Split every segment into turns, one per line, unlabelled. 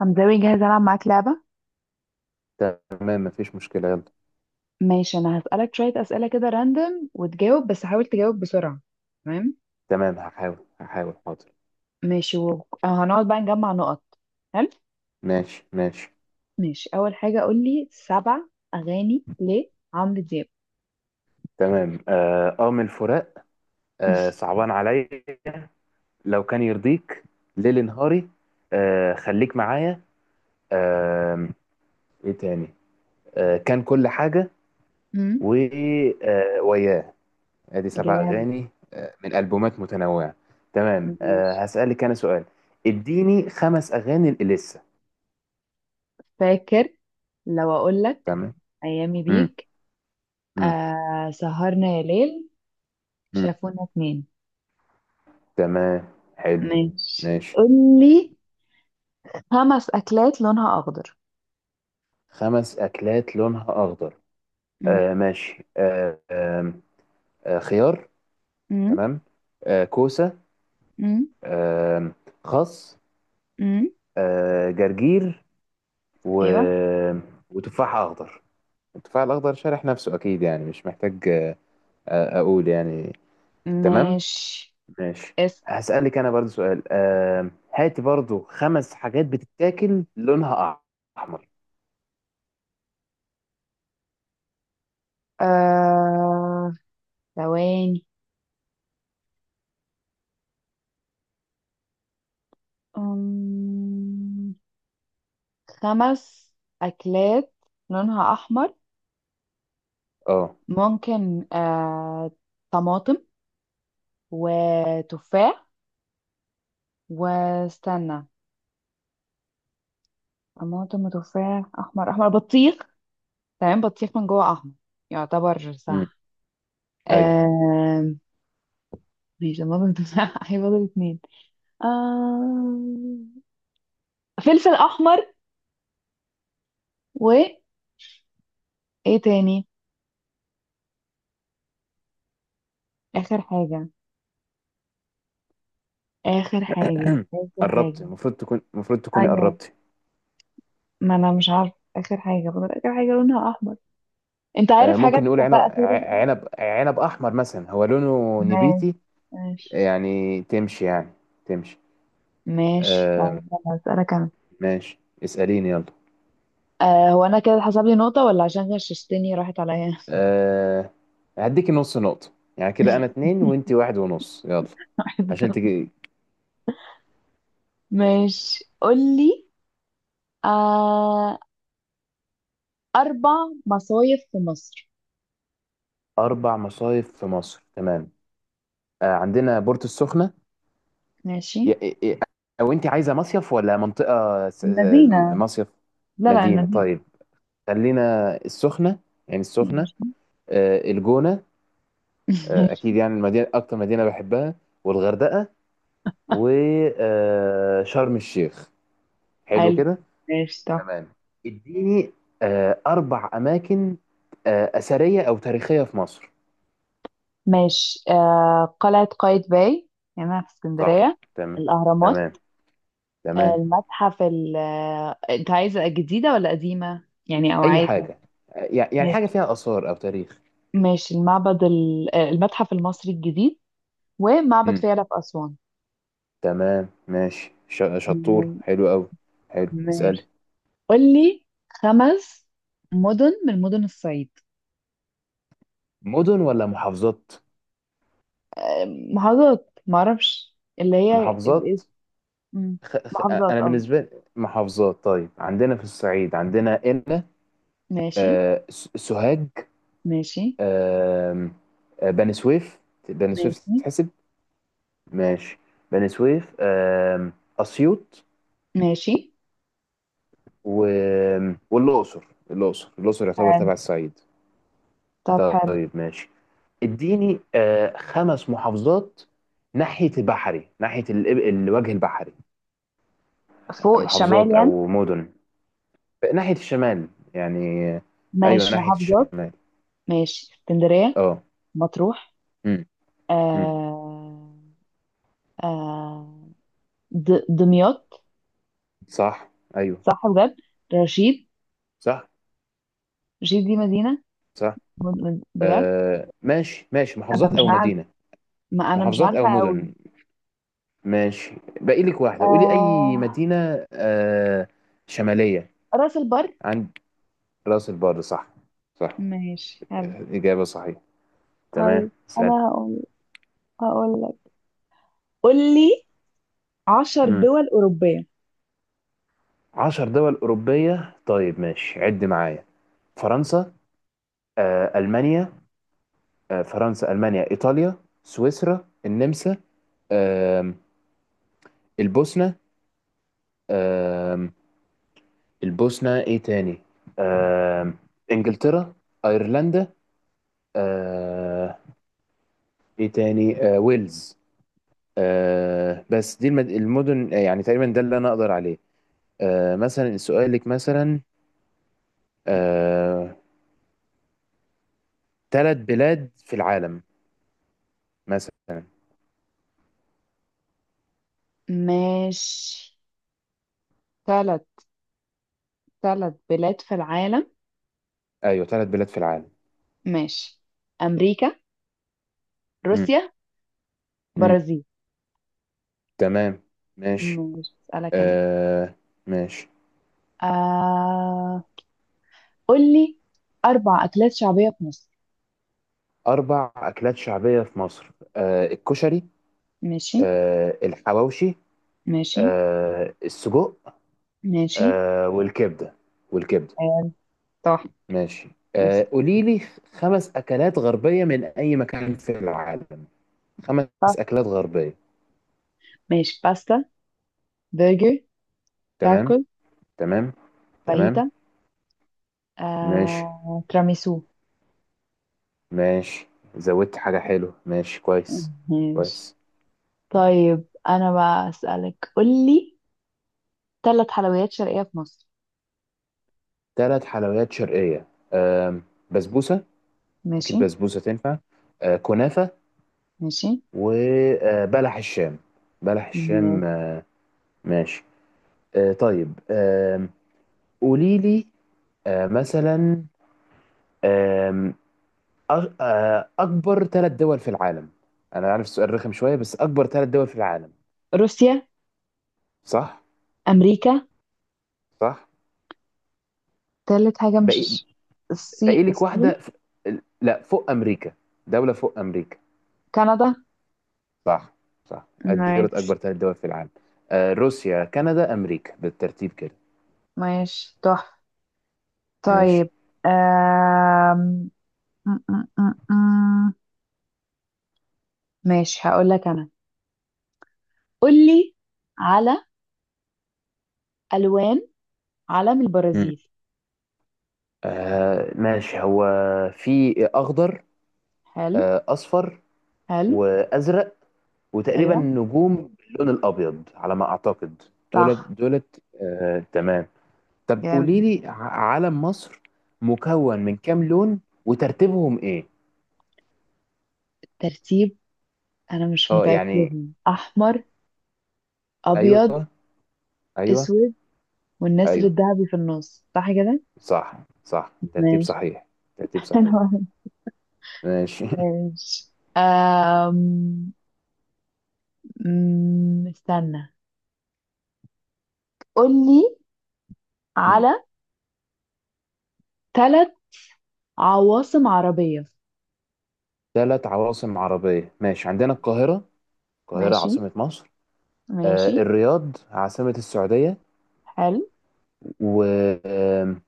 حمزاوي، جاهز ألعب معاك لعبة.
تمام، مفيش مشكلة. يلا.
ماشي، أنا هسألك شوية أسئلة كده راندم وتجاوب، بس حاول تجاوب بسرعة. تمام.
تمام، هحاول حاضر.
ماشي، وهنقعد بقى نجمع نقط. حلو.
ماشي ماشي.
ماشي، أول حاجة قولي سبع أغاني لعمرو دياب.
تمام. أم الفراق. صعبان عليا. لو كان يرضيك. ليل نهاري. خليك معايا. آه. إيه تاني؟ كان كل حاجة.
مم.
و وياه. أدي سبع
جامد.
أغاني. من ألبومات متنوعة. تمام،
ماشي.
هسألك أنا سؤال. اديني خمس أغاني لإليسا.
فاكر. لو أقولك
تمام.
أيامي
مم.
بيك،
مم.
سهرنا يا ليل،
مم.
شافونا اتنين.
تمام، حلو.
ماشي،
ماشي.
قولي خمس أكلات لونها أخضر.
خمس أكلات لونها أخضر.
مم.
ماشي. خيار.
مم.
تمام. كوسة.
مم.
آه خس.
مم.
جرجير. و...
أيوة.
وتفاح أخضر. التفاح الأخضر شارح نفسه أكيد، يعني مش محتاج أقول يعني. تمام.
ماشي،
ماشي.
اسأل.
هسألك أنا برضو سؤال. هاتي برضو خمس حاجات بتتاكل لونها أحمر.
آه... ثواني. أم... خمس أكلات لونها أحمر.
اه.
ممكن طماطم وتفاح، واستنى، طماطم وتفاح أحمر، أحمر، بطيخ. تمام، بطيخ من جوه أحمر، يعتبر
امم.
صح.
ايوه.
آه... ماشي، طماطم وتفاح، هيفضل اتنين. آه... فلفل أحمر، و... إيه تاني؟ آخر حاجة اخر حاجة اخر
قربت
حاجة
المفروض تكون المفروض تكوني
ايوه،
قربتي.
ما انا مش عارفة اخر حاجة، فضل اخر حاجة لونها احمر. انت
آه،
عارف
ممكن
حاجات
نقول عنب
اتفاق اخيرا.
ع- عنب عنب احمر مثلا، هو لونه
ماشي،
نبيتي
ماشي.
يعني. تمشي يعني. تمشي.
ماشي،
آه،
طيب يلا هسألك انا.
ماشي. اسأليني يلا.
هو انا كده حسب لي نقطة ولا عشان غششتني راحت عليا؟
آه، هديكي نص نقطة. يعني كده انا اتنين وانتي واحد ونص. يلا عشان تجي.
ماشي، قولي. آه اربع مصايف في مصر.
اربع مصايف في مصر. تمام. آه، عندنا بورتو السخنة.
ماشي،
ي- ي- ي- او انتي عايزة مصيف ولا منطقة؟
المدينة.
مصيف،
لا، لا،
مدينة؟
المدينة.
طيب، خلينا السخنة يعني السخنة.
ماشي.
آه، الجونة. آه، اكيد
ماشي،
يعني المدينه اكتر مدينه بحبها. والغردقه وشرم الشيخ. حلو
حلو.
كده.
ماشي، طب.
تمام. اديني آه، اربع اماكن آه، اثريه او تاريخيه في مصر.
ماشي، قلعة قايتباي هنا في
صح.
اسكندرية.
تمام.
الأهرامات.
تمام. تمام،
المتحف ال، أنت عايزة جديدة ولا قديمة؟ يعني أو
اي
عادي.
حاجه. آه، يعني حاجه
ماشي،
فيها اثار او تاريخ.
ماشي. المعبد ال... آه، المتحف المصري الجديد، ومعبد
مم.
فيلة في أسوان.
تمام ماشي. شطور.
م-
حلو قوي. حلو. اسال.
ماشي، قولي خمس مدن من مدن الصعيد.
مدن ولا محافظات؟
آه، محافظات، معرفش اللي هي الاسم.
محافظات.
مم. محافظات،
انا
اه.
بالنسبه لي محافظات. طيب، عندنا في الصعيد عندنا قنا،
ماشي.
آه، سوهاج،
ماشي.
آم، آه، بني سويف. بني سويف
ماشي.
تتحسب؟ ماشي. بني سويف، آم، أسيوط،
ماشي،
و... والأقصر. الأقصر، يعتبر
حلو.
تبع الصعيد.
طب، حلو.
طيب، ماشي. اديني آه، خمس محافظات ناحية البحري، ناحية الوجه البحري.
فوق الشمال
محافظات
يعني.
أو مدن ناحية الشمال، يعني آه، أيوه
ماشي،
ناحية
محافظات.
الشمال.
ماشي، اسكندرية.
أه.
مطروح.
مم. مم.
آه آه دمياط.
صح. أيوه.
صح، بجد. رشيد.
صح.
رشيد دي مدينة.
صح.
بجد.
آه ماشي، ماشي.
أنا
محافظات
مش
او
عارف.
مدينه،
ما أنا مش
محافظات او
عارفة أوي.
مدن. ماشي. باقي لك واحده. قولي
آه
اي مدينه، آه، شماليه.
راس البر.
عند راس البر. صح. صح.
ماشي، حلو.
اجابه صحيحه. تمام.
طيب
اسال.
أنا هقول لك، قول لي 10
امم.
دول أوروبية.
10 دول اوروبيه. طيب، ماشي عد معايا. فرنسا. آه المانيا. آه، فرنسا المانيا ايطاليا، سويسرا النمسا. آه البوسنه. آه. البوسنه. ايه تاني؟ آه انجلترا، ايرلندا. آه، ايه تاني؟ آه ويلز. آه، بس دي المدن. آه، يعني تقريبا ده اللي انا اقدر عليه. آه، مثلا سؤالك مثلا آه ثلاث بلاد في العالم مثلا.
ماشي، ثلاث ثلاث بلاد في العالم.
ايوه ثلاث بلاد في العالم.
ماشي. أمريكا،
مم.
روسيا،
مم.
برازيل.
تمام. ماشي.
مش بسألك أنا؟
آه. ماشي.
آه... قول لي أربع أكلات شعبية في مصر.
اربع اكلات شعبية في مصر. آه الكشري.
ماشي.
آه الحواوشي.
ماشي.
آه السجق.
ماشي.
آه والكبدة. والكبدة
آه... صح.
ماشي.
يس.
آه، قولي لي خمس أكلات غربية من أي مكان في العالم. خمس
صح.
أكلات غربية.
ماشي، باستا، برجر،
تمام.
تاكل،
تمام. تمام.
فاهيتا،
ماشي
تراميسو.
ماشي، زودت حاجة حلوة. ماشي كويس.
ماشي.
كويس.
طيب أنا بقى أسألك، قول لي ثلاث حلويات شرقية في مصر.
ثلاث حلويات شرقية. آه، بسبوسة. أكيد
ماشي،
بسبوسة تنفع. آه، كنافة.
ماشي.
وبلح الشام. بلح
م-
الشام. آه. ماشي. آه، طيب. آه، قولي لي آه مثلا، آم، آه، أكبر ثلاث دول في العالم. أنا عارف السؤال رخم شوية، بس أكبر ثلاث دول في العالم.
روسيا،
صح؟
أمريكا.
صح؟
ثالث حاجة،
باقي.
مش...
باقي
الصين،
لك
الصين.
واحدة لا، فوق أمريكا. دولة فوق أمريكا.
كندا.
صح. صح أدي دولة.
ماشي،
أكبر ثلاث دول في العالم آه، روسيا كندا أمريكا بالترتيب كده.
ماشي، تحفة.
ماشي.
طيب. آم... م- م- م- م. ماشي، هقول لك انا، قول لي على الوان علم
مم.
البرازيل.
آه، ماشي. هو في أخضر.
حلو.
آه، أصفر.
حلو.
وأزرق. وتقريبا
ايوه،
نجوم باللون الأبيض على ما أعتقد. دولت
صح.
دولت آه، تمام. طب
جامد.
قولي لي علم مصر مكون من كام لون؟ وترتيبهم ايه؟
ترتيب؟ انا مش
اه
متأكدة.
يعني.
احمر، ابيض،
ايوه. ايوه.
اسود، والنسر
ايوه.
الذهبي في النص، صح كده؟
صح. صح، ترتيب
ماشي.
صحيح. ترتيب صحيح. ماشي.
ماشي. استنى، قول لي على ثلاث عواصم عربية.
ثلاث عواصم عربية. ماشي، عندنا القاهرة، القاهرة
ماشي،
عاصمة مصر. آه
ماشي.
الرياض، عاصمة السعودية.
حلو.
و آم،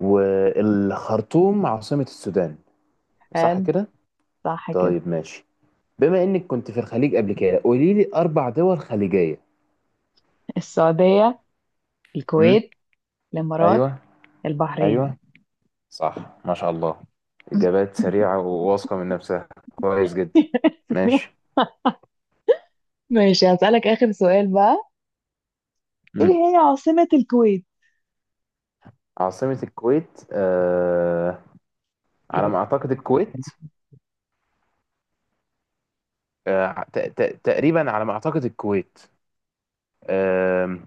والخرطوم عاصمة السودان. صح
حلو.
كده.
صح كده.
طيب ماشي. بما انك كنت في الخليج قبل كده، قولي لي اربع دول خليجية.
السعودية،
امم.
الكويت، الإمارات،
ايوه.
البحرين.
ايوه. صح ما شاء الله. اجابات سريعه وواثقه من نفسها. كويس جدا. ماشي.
ماشي، هسألك آخر سؤال بقى.
مم.
إيه هي عاصمة الكويت؟
عاصمه الكويت آه، على ما اعتقد الكويت. آه تقريبا على ما اعتقد الكويت. آه.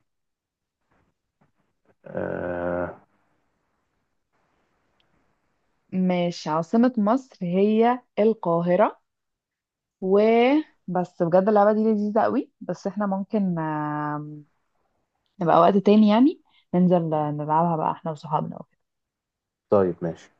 آه.
ماشي، عاصمة مصر هي القاهرة. و... بس بجد، اللعبة دي لذيذة قوي، بس احنا ممكن نبقى وقت تاني يعني، ننزل نلعبها بقى احنا وصحابنا.
طيب ماشي.